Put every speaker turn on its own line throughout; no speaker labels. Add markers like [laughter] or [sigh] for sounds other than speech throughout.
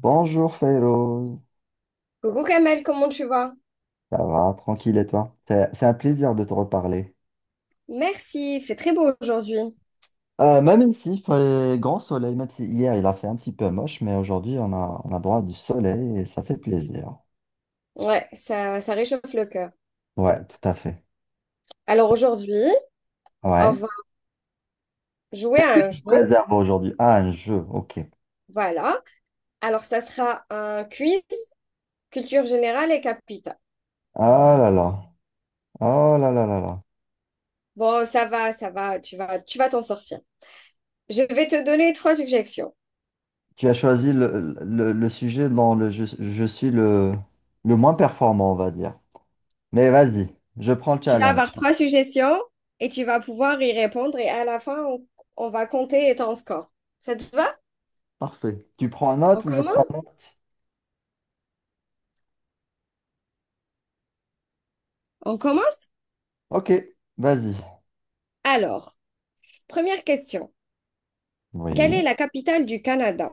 Bonjour Fellows,
Coucou Kamel, comment tu vas?
ça va, tranquille et toi? C'est un plaisir de te reparler.
Merci, il fait très beau aujourd'hui.
Même ici, il fait grand soleil, même si hier il a fait un petit peu moche, mais aujourd'hui on a droit à du soleil et ça fait plaisir.
Ouais, ça réchauffe le cœur.
Ouais, tout à fait.
Alors aujourd'hui, on
Ouais.
va jouer à un jeu.
Réserve aujourd'hui. Ah, un jeu, ok.
Voilà. Alors ça sera un quiz culture générale et capitale.
Ah là là, oh là là là là.
Bon, ça va, tu vas t'en sortir. Je vais te donner trois suggestions.
Tu as choisi le sujet dont je suis le moins performant, on va dire. Mais vas-y, je prends le
Tu vas avoir
challenge.
trois suggestions et tu vas pouvoir y répondre et à la fin, on va compter ton score. Ça te va?
Parfait. Tu prends
On
note ou je prends
commence?
note?
On commence?
Ok, vas-y.
Alors, première question. Quelle est
Oui.
la capitale du Canada?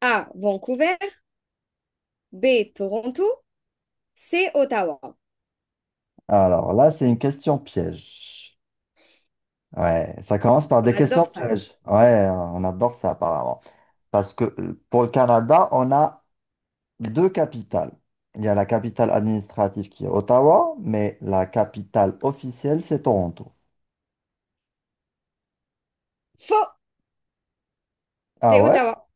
A, Vancouver. B, Toronto. C, Ottawa.
Alors là, c'est une question piège. Ouais, ça commence par
On
des questions
adore ça.
pièges. Ouais, on adore ça apparemment. Parce que pour le Canada, on a deux capitales. Il y a la capitale administrative qui est Ottawa, mais la capitale officielle, c'est Toronto.
Faux,
Ah
c'est
ouais?
Ottawa.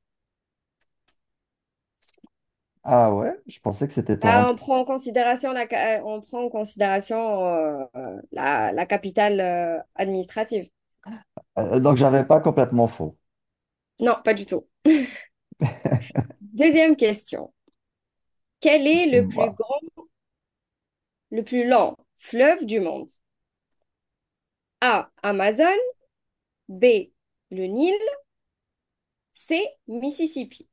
Ah ouais? Je pensais que c'était
Bah,
Toronto.
on prend en considération on prend en considération la capitale administrative.
Donc, j'avais pas complètement faux.
Non, pas du tout. Deuxième question. Quel est le plus
Voilà.
grand, le plus long fleuve du monde? A, Amazon. B, le Nil. C, Mississippi.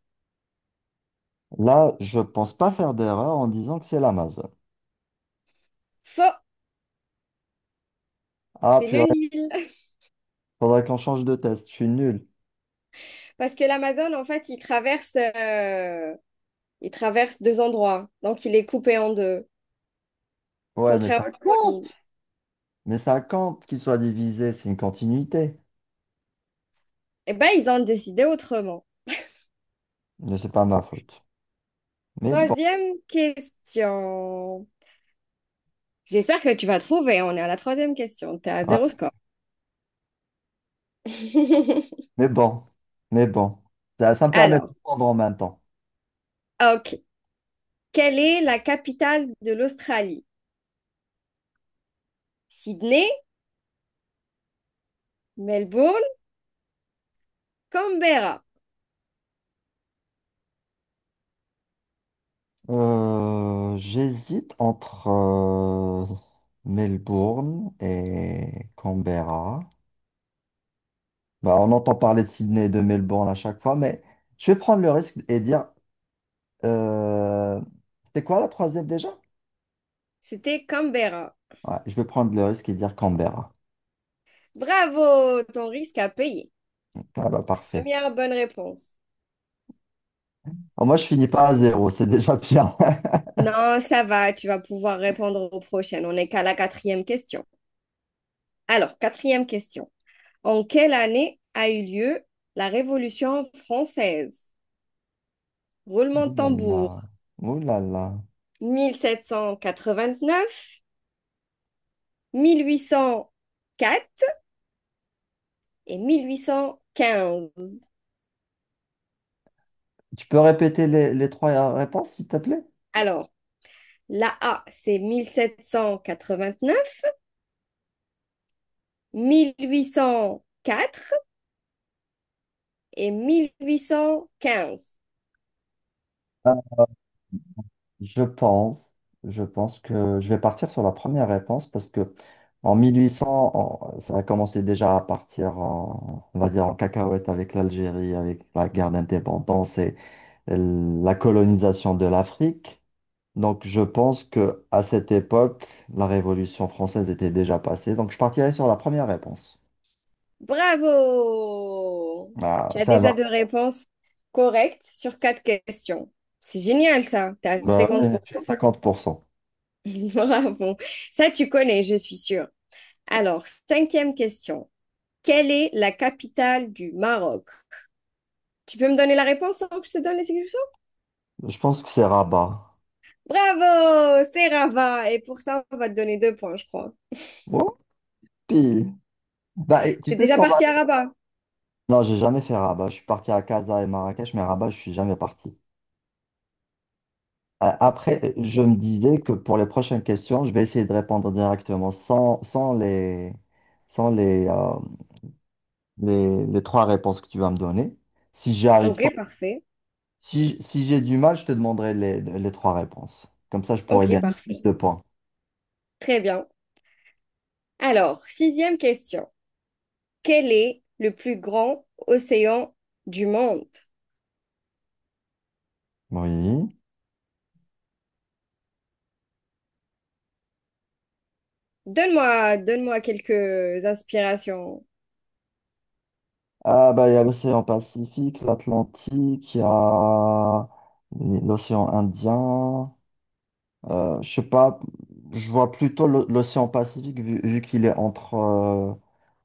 Là, je pense pas faire d'erreur en disant que c'est l'Amazon.
Faux,
Ah,
c'est
puis
le Nil.
faudrait qu'on change de test. Je suis nul.
[laughs] Parce que l'Amazon, en fait, il traverse deux endroits, donc il est coupé en deux,
Ouais, mais ça
contrairement aux
compte.
mines.
Mais 50 qui soit divisé, c'est une continuité.
Eh ben, ils ont décidé autrement.
Mais c'est pas ma faute. Mais bon,
Troisième question. J'espère que tu vas trouver. On est à la troisième question. T'es à zéro
ouais.
score. [laughs]
Mais bon, mais bon. Ça me permet de
Alors,
prendre en même temps.
ok. Quelle est la capitale de l'Australie? Sydney, Melbourne, Canberra.
J'hésite entre Melbourne et Canberra. Bah, on entend parler de Sydney et de Melbourne à chaque fois, mais je vais prendre le risque et dire euh, c'est quoi la troisième déjà?
C'était Canberra.
Ouais, je vais prendre le risque et dire Canberra.
Bravo, ton risque à payer.
Ah bah parfait.
Première bonne réponse.
Au moins, je finis pas à zéro, c'est déjà bien. [laughs]
Non, ça va, tu vas pouvoir répondre aux prochaines. On n'est qu'à la quatrième question. Alors, quatrième question. En quelle année a eu lieu la Révolution française? Roulement
Ouh
de
là
tambour.
là. Ouh là là.
1789, 1804 et 1815.
Tu peux répéter les trois réponses, s'il te plaît?
Alors, la A, c'est 1789, 1804 et 1815.
Je pense, je pense que je vais partir sur la première réponse parce que en 1800, ça a commencé déjà à partir en, on va dire en cacahuète avec l'Algérie, avec la guerre d'indépendance et la colonisation de l'Afrique. Donc je pense que à cette époque, la Révolution française était déjà passée. Donc je partirai sur la première réponse.
Bravo!
Ah,
Tu as
ça
déjà deux
va.
réponses correctes sur quatre questions. C'est génial ça, tu as
Bah,
cinquante
ouais,
pour
tu as
cent.
50%.
[laughs] Bravo. Ça, tu connais, je suis sûre. Alors, cinquième question. Quelle est la capitale du Maroc? Tu peux me donner la réponse sans que je te donne les solutions?
Je pense que c'est Rabat.
Bravo, c'est Rabat. Et pour ça, on va te donner deux points, je crois.
Whoopi. Bah, et tu
T'es
sais ce
déjà
qu'on va...
parti à Rabat?
Non, j'ai jamais fait Rabat. Je suis parti à Casa et Marrakech, mais Rabat, je suis jamais parti. Après, je me disais que pour les prochaines questions, je vais essayer de répondre directement sans sans les, euh, les trois réponses que tu vas me donner. Si j'y arrive, tant-
Ok, parfait.
si, si j'ai du mal, je te demanderai les trois réponses. Comme ça, je
Ok,
pourrais gagner plus
parfait.
de points.
Très bien. Alors, sixième question. Quel est le plus grand océan du monde?
Oui.
Donne-moi, donne-moi quelques inspirations.
Ah bah il y a l'océan Pacifique, l'Atlantique, il y a l'océan Indien. Je sais pas, je vois plutôt l'océan Pacifique vu qu'il est entre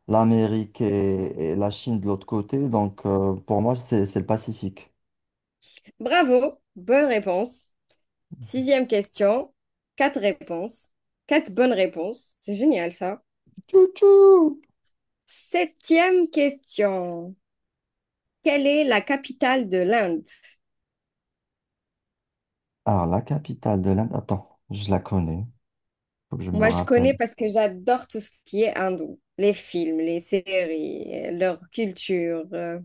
l'Amérique et la Chine de l'autre côté. Donc pour moi c'est le Pacifique.
Bravo, bonne réponse. Sixième question, quatre réponses, quatre bonnes réponses. C'est génial ça.
Tchou-tchou!
Septième question, quelle est la capitale de l'Inde?
Alors la capitale de l'Inde, attends, je la connais, faut que je me
Moi, je
rappelle.
connais parce que j'adore tout ce qui est hindou, les films, les séries, leur culture.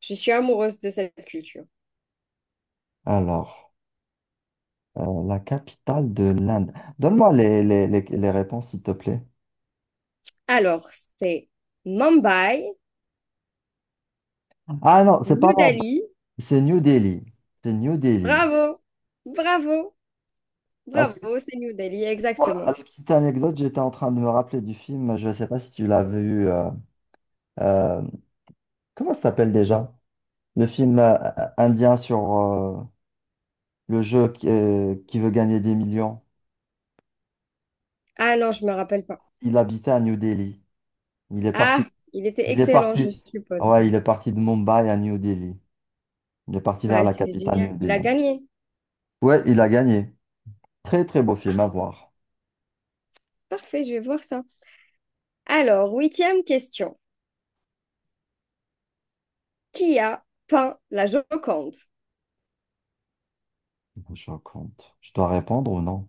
Je suis amoureuse de cette culture.
Alors la capitale de l'Inde. Donne-moi les réponses s'il te plaît.
Alors, c'est Mumbai,
Ah non, c'est pas.
New Delhi.
C'est New Delhi. C'est New Delhi.
Bravo, bravo.
Parce que,
Bravo, c'est New Delhi,
pour la
exactement.
petite anecdote, j'étais en train de me rappeler du film, je ne sais pas si tu l'as vu, euh, comment ça s'appelle déjà? Le film indien sur le jeu qui veut gagner des millions.
Ah non, je me rappelle pas.
Il habitait à New Delhi. Il est
Ah,
parti,
il était
il est
excellent, je le
parti,
suppose.
ouais, il est parti de Mumbai à New Delhi. Il est parti vers
Bah,
la
c'est
capitale
génial.
New
Il a
Delhi.
gagné.
Ouais, il a gagné. Très, très beau film à voir.
Parfait, je vais voir ça. Alors, huitième question. Qui a peint la Joconde?
Je raconte. Je dois répondre ou non?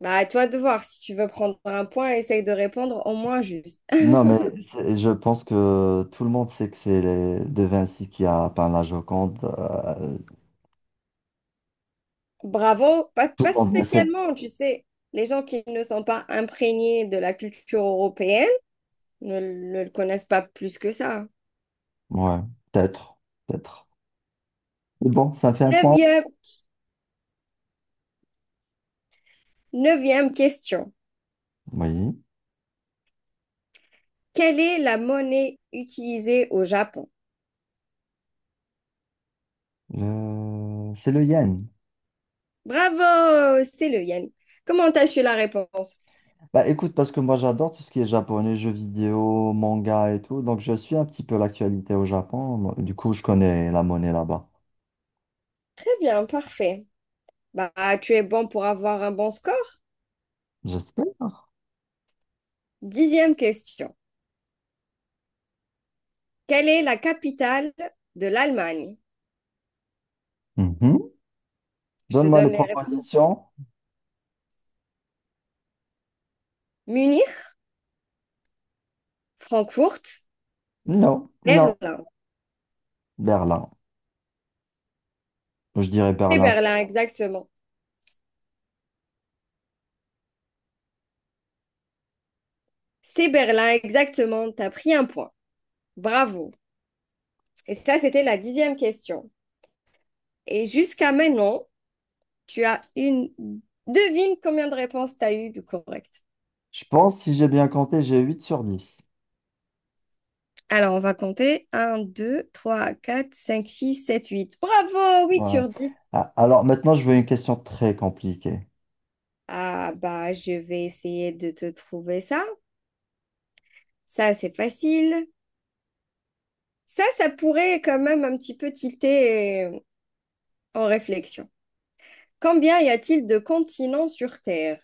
Bah, à toi de voir. Si tu veux prendre un point, essaye de répondre au moins juste.
Non,
[laughs]
mais je pense que tout le monde sait que c'est De Vinci qui a peint la Joconde.
Bravo, pas,
Tout le
pas
monde le sait.
spécialement, tu sais. Les gens qui ne sont pas imprégnés de la culture européenne ne le connaissent pas plus que ça.
Ouais, peut-être, peut-être. Mais bon, ça fait un point.
Neuvième, neuvième question.
Oui,
Quelle est la monnaie utilisée au Japon?
c'est le yen.
Bravo, c'est le yen. Comment t'as su la réponse?
Bah écoute, parce que moi j'adore tout ce qui est japonais, jeux vidéo, manga et tout, donc je suis un petit peu l'actualité au Japon. Moi, du coup, je connais la monnaie là-bas.
Très bien, parfait. Bah, tu es bon pour avoir un bon score.
J'espère.
Dixième question. Quelle est la capitale de l'Allemagne?
Mhm.
Je te
Donne-moi les
donne les réponses.
propositions.
Munich, Francfort,
Non, non.
Berlin.
Berlin. Je dirais
C'est
Berlin.
Berlin, exactement. C'est Berlin, exactement. T'as pris un point. Bravo. Et ça, c'était la dixième question. Et jusqu'à maintenant, Tu as une... Devine combien de réponses tu as eu de correct.
Je pense, si j'ai bien compté, j'ai 8 sur 10.
Alors, on va compter. Un, deux, trois, quatre, cinq, six, sept, 8. Bravo, 8
Ouais.
sur 10.
Ah, alors maintenant, je veux une question très compliquée.
Ah, bah, je vais essayer de te trouver ça. Ça, c'est facile. Ça pourrait quand même un petit peu tilter en réflexion. Combien y a-t-il de continents sur Terre?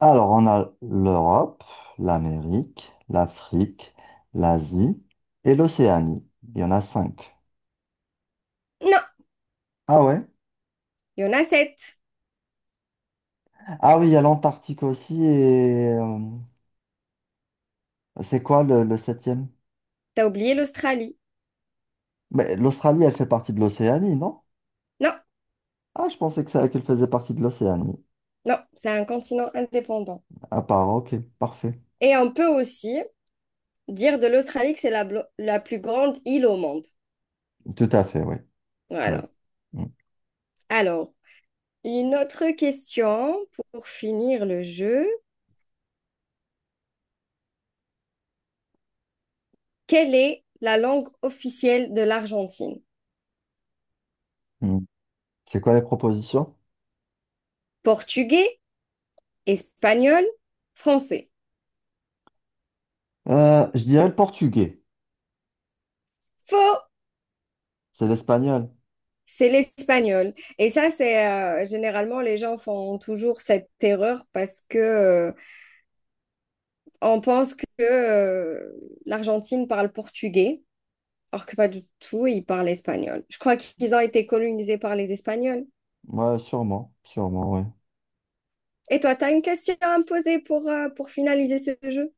Alors, on a l'Europe, l'Amérique, l'Afrique, l'Asie et l'Océanie. Il y en a 5.
Non,
Ah ouais?
il y en a sept.
Ah oui, il y a l'Antarctique aussi et c'est quoi le septième?
T'as oublié l'Australie.
Mais l'Australie, elle fait partie de l'Océanie, non?
Non,
Ah, je pensais que ça, qu'elle faisait partie de l'Océanie.
non, c'est un continent indépendant.
À part, ok, parfait.
Et on peut aussi dire de l'Australie que c'est la plus grande île au monde.
Tout à fait, oui. Oui.
Voilà.
Mm,
Alors, une autre question pour finir le jeu. Quelle est la langue officielle de l'Argentine?
mm. C'est quoi les propositions?
Portugais, espagnol, français.
Je dirais le portugais.
Faux,
C'est l'espagnol.
c'est l'espagnol. Et ça, c'est généralement les gens font toujours cette erreur parce que on pense que l'Argentine parle portugais, alors que pas du tout, ils parlent espagnol. Je crois qu'ils ont été colonisés par les Espagnols.
Ouais, sûrement. Sûrement, ouais.
Et toi, tu as une question à me poser pour finaliser ce jeu?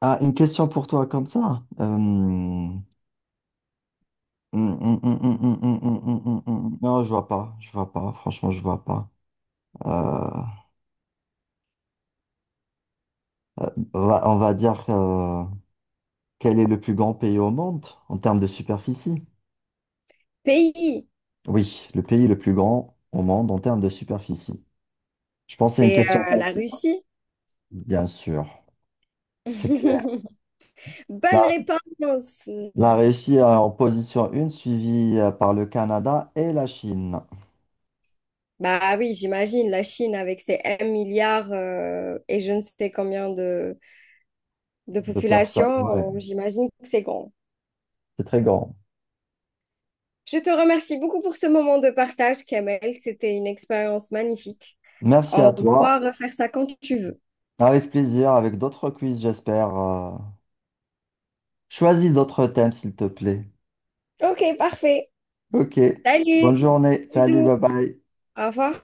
Ah, une question pour toi comme ça. Non, je vois pas. Je vois pas. Franchement, je vois pas. Euh, on va dire quel est le plus grand pays au monde en termes de superficie?
Pays,
Oui, le pays le plus grand au monde en termes de superficie. Je pense que c'est une
c'est
question
la
facile, hein.
Russie.
Bien sûr, c'est clair.
[laughs] Bonne
Là.
réponse.
La Russie est en position une suivie par le Canada et la Chine.
Bah oui, j'imagine la Chine avec ses 1 milliard et je ne sais combien de
De personnes, ouais,
population, j'imagine que c'est grand.
c'est très grand.
Je te remercie beaucoup pour ce moment de partage, Kamel. C'était une expérience magnifique.
Merci à
On
toi.
pourra refaire ça quand tu veux.
Avec plaisir, avec d'autres quiz, j'espère. Choisis d'autres thèmes, s'il te plaît.
Ok, parfait.
Ok. Bonne
Salut!
journée. Salut,
Bisous!
bye bye.
Au revoir!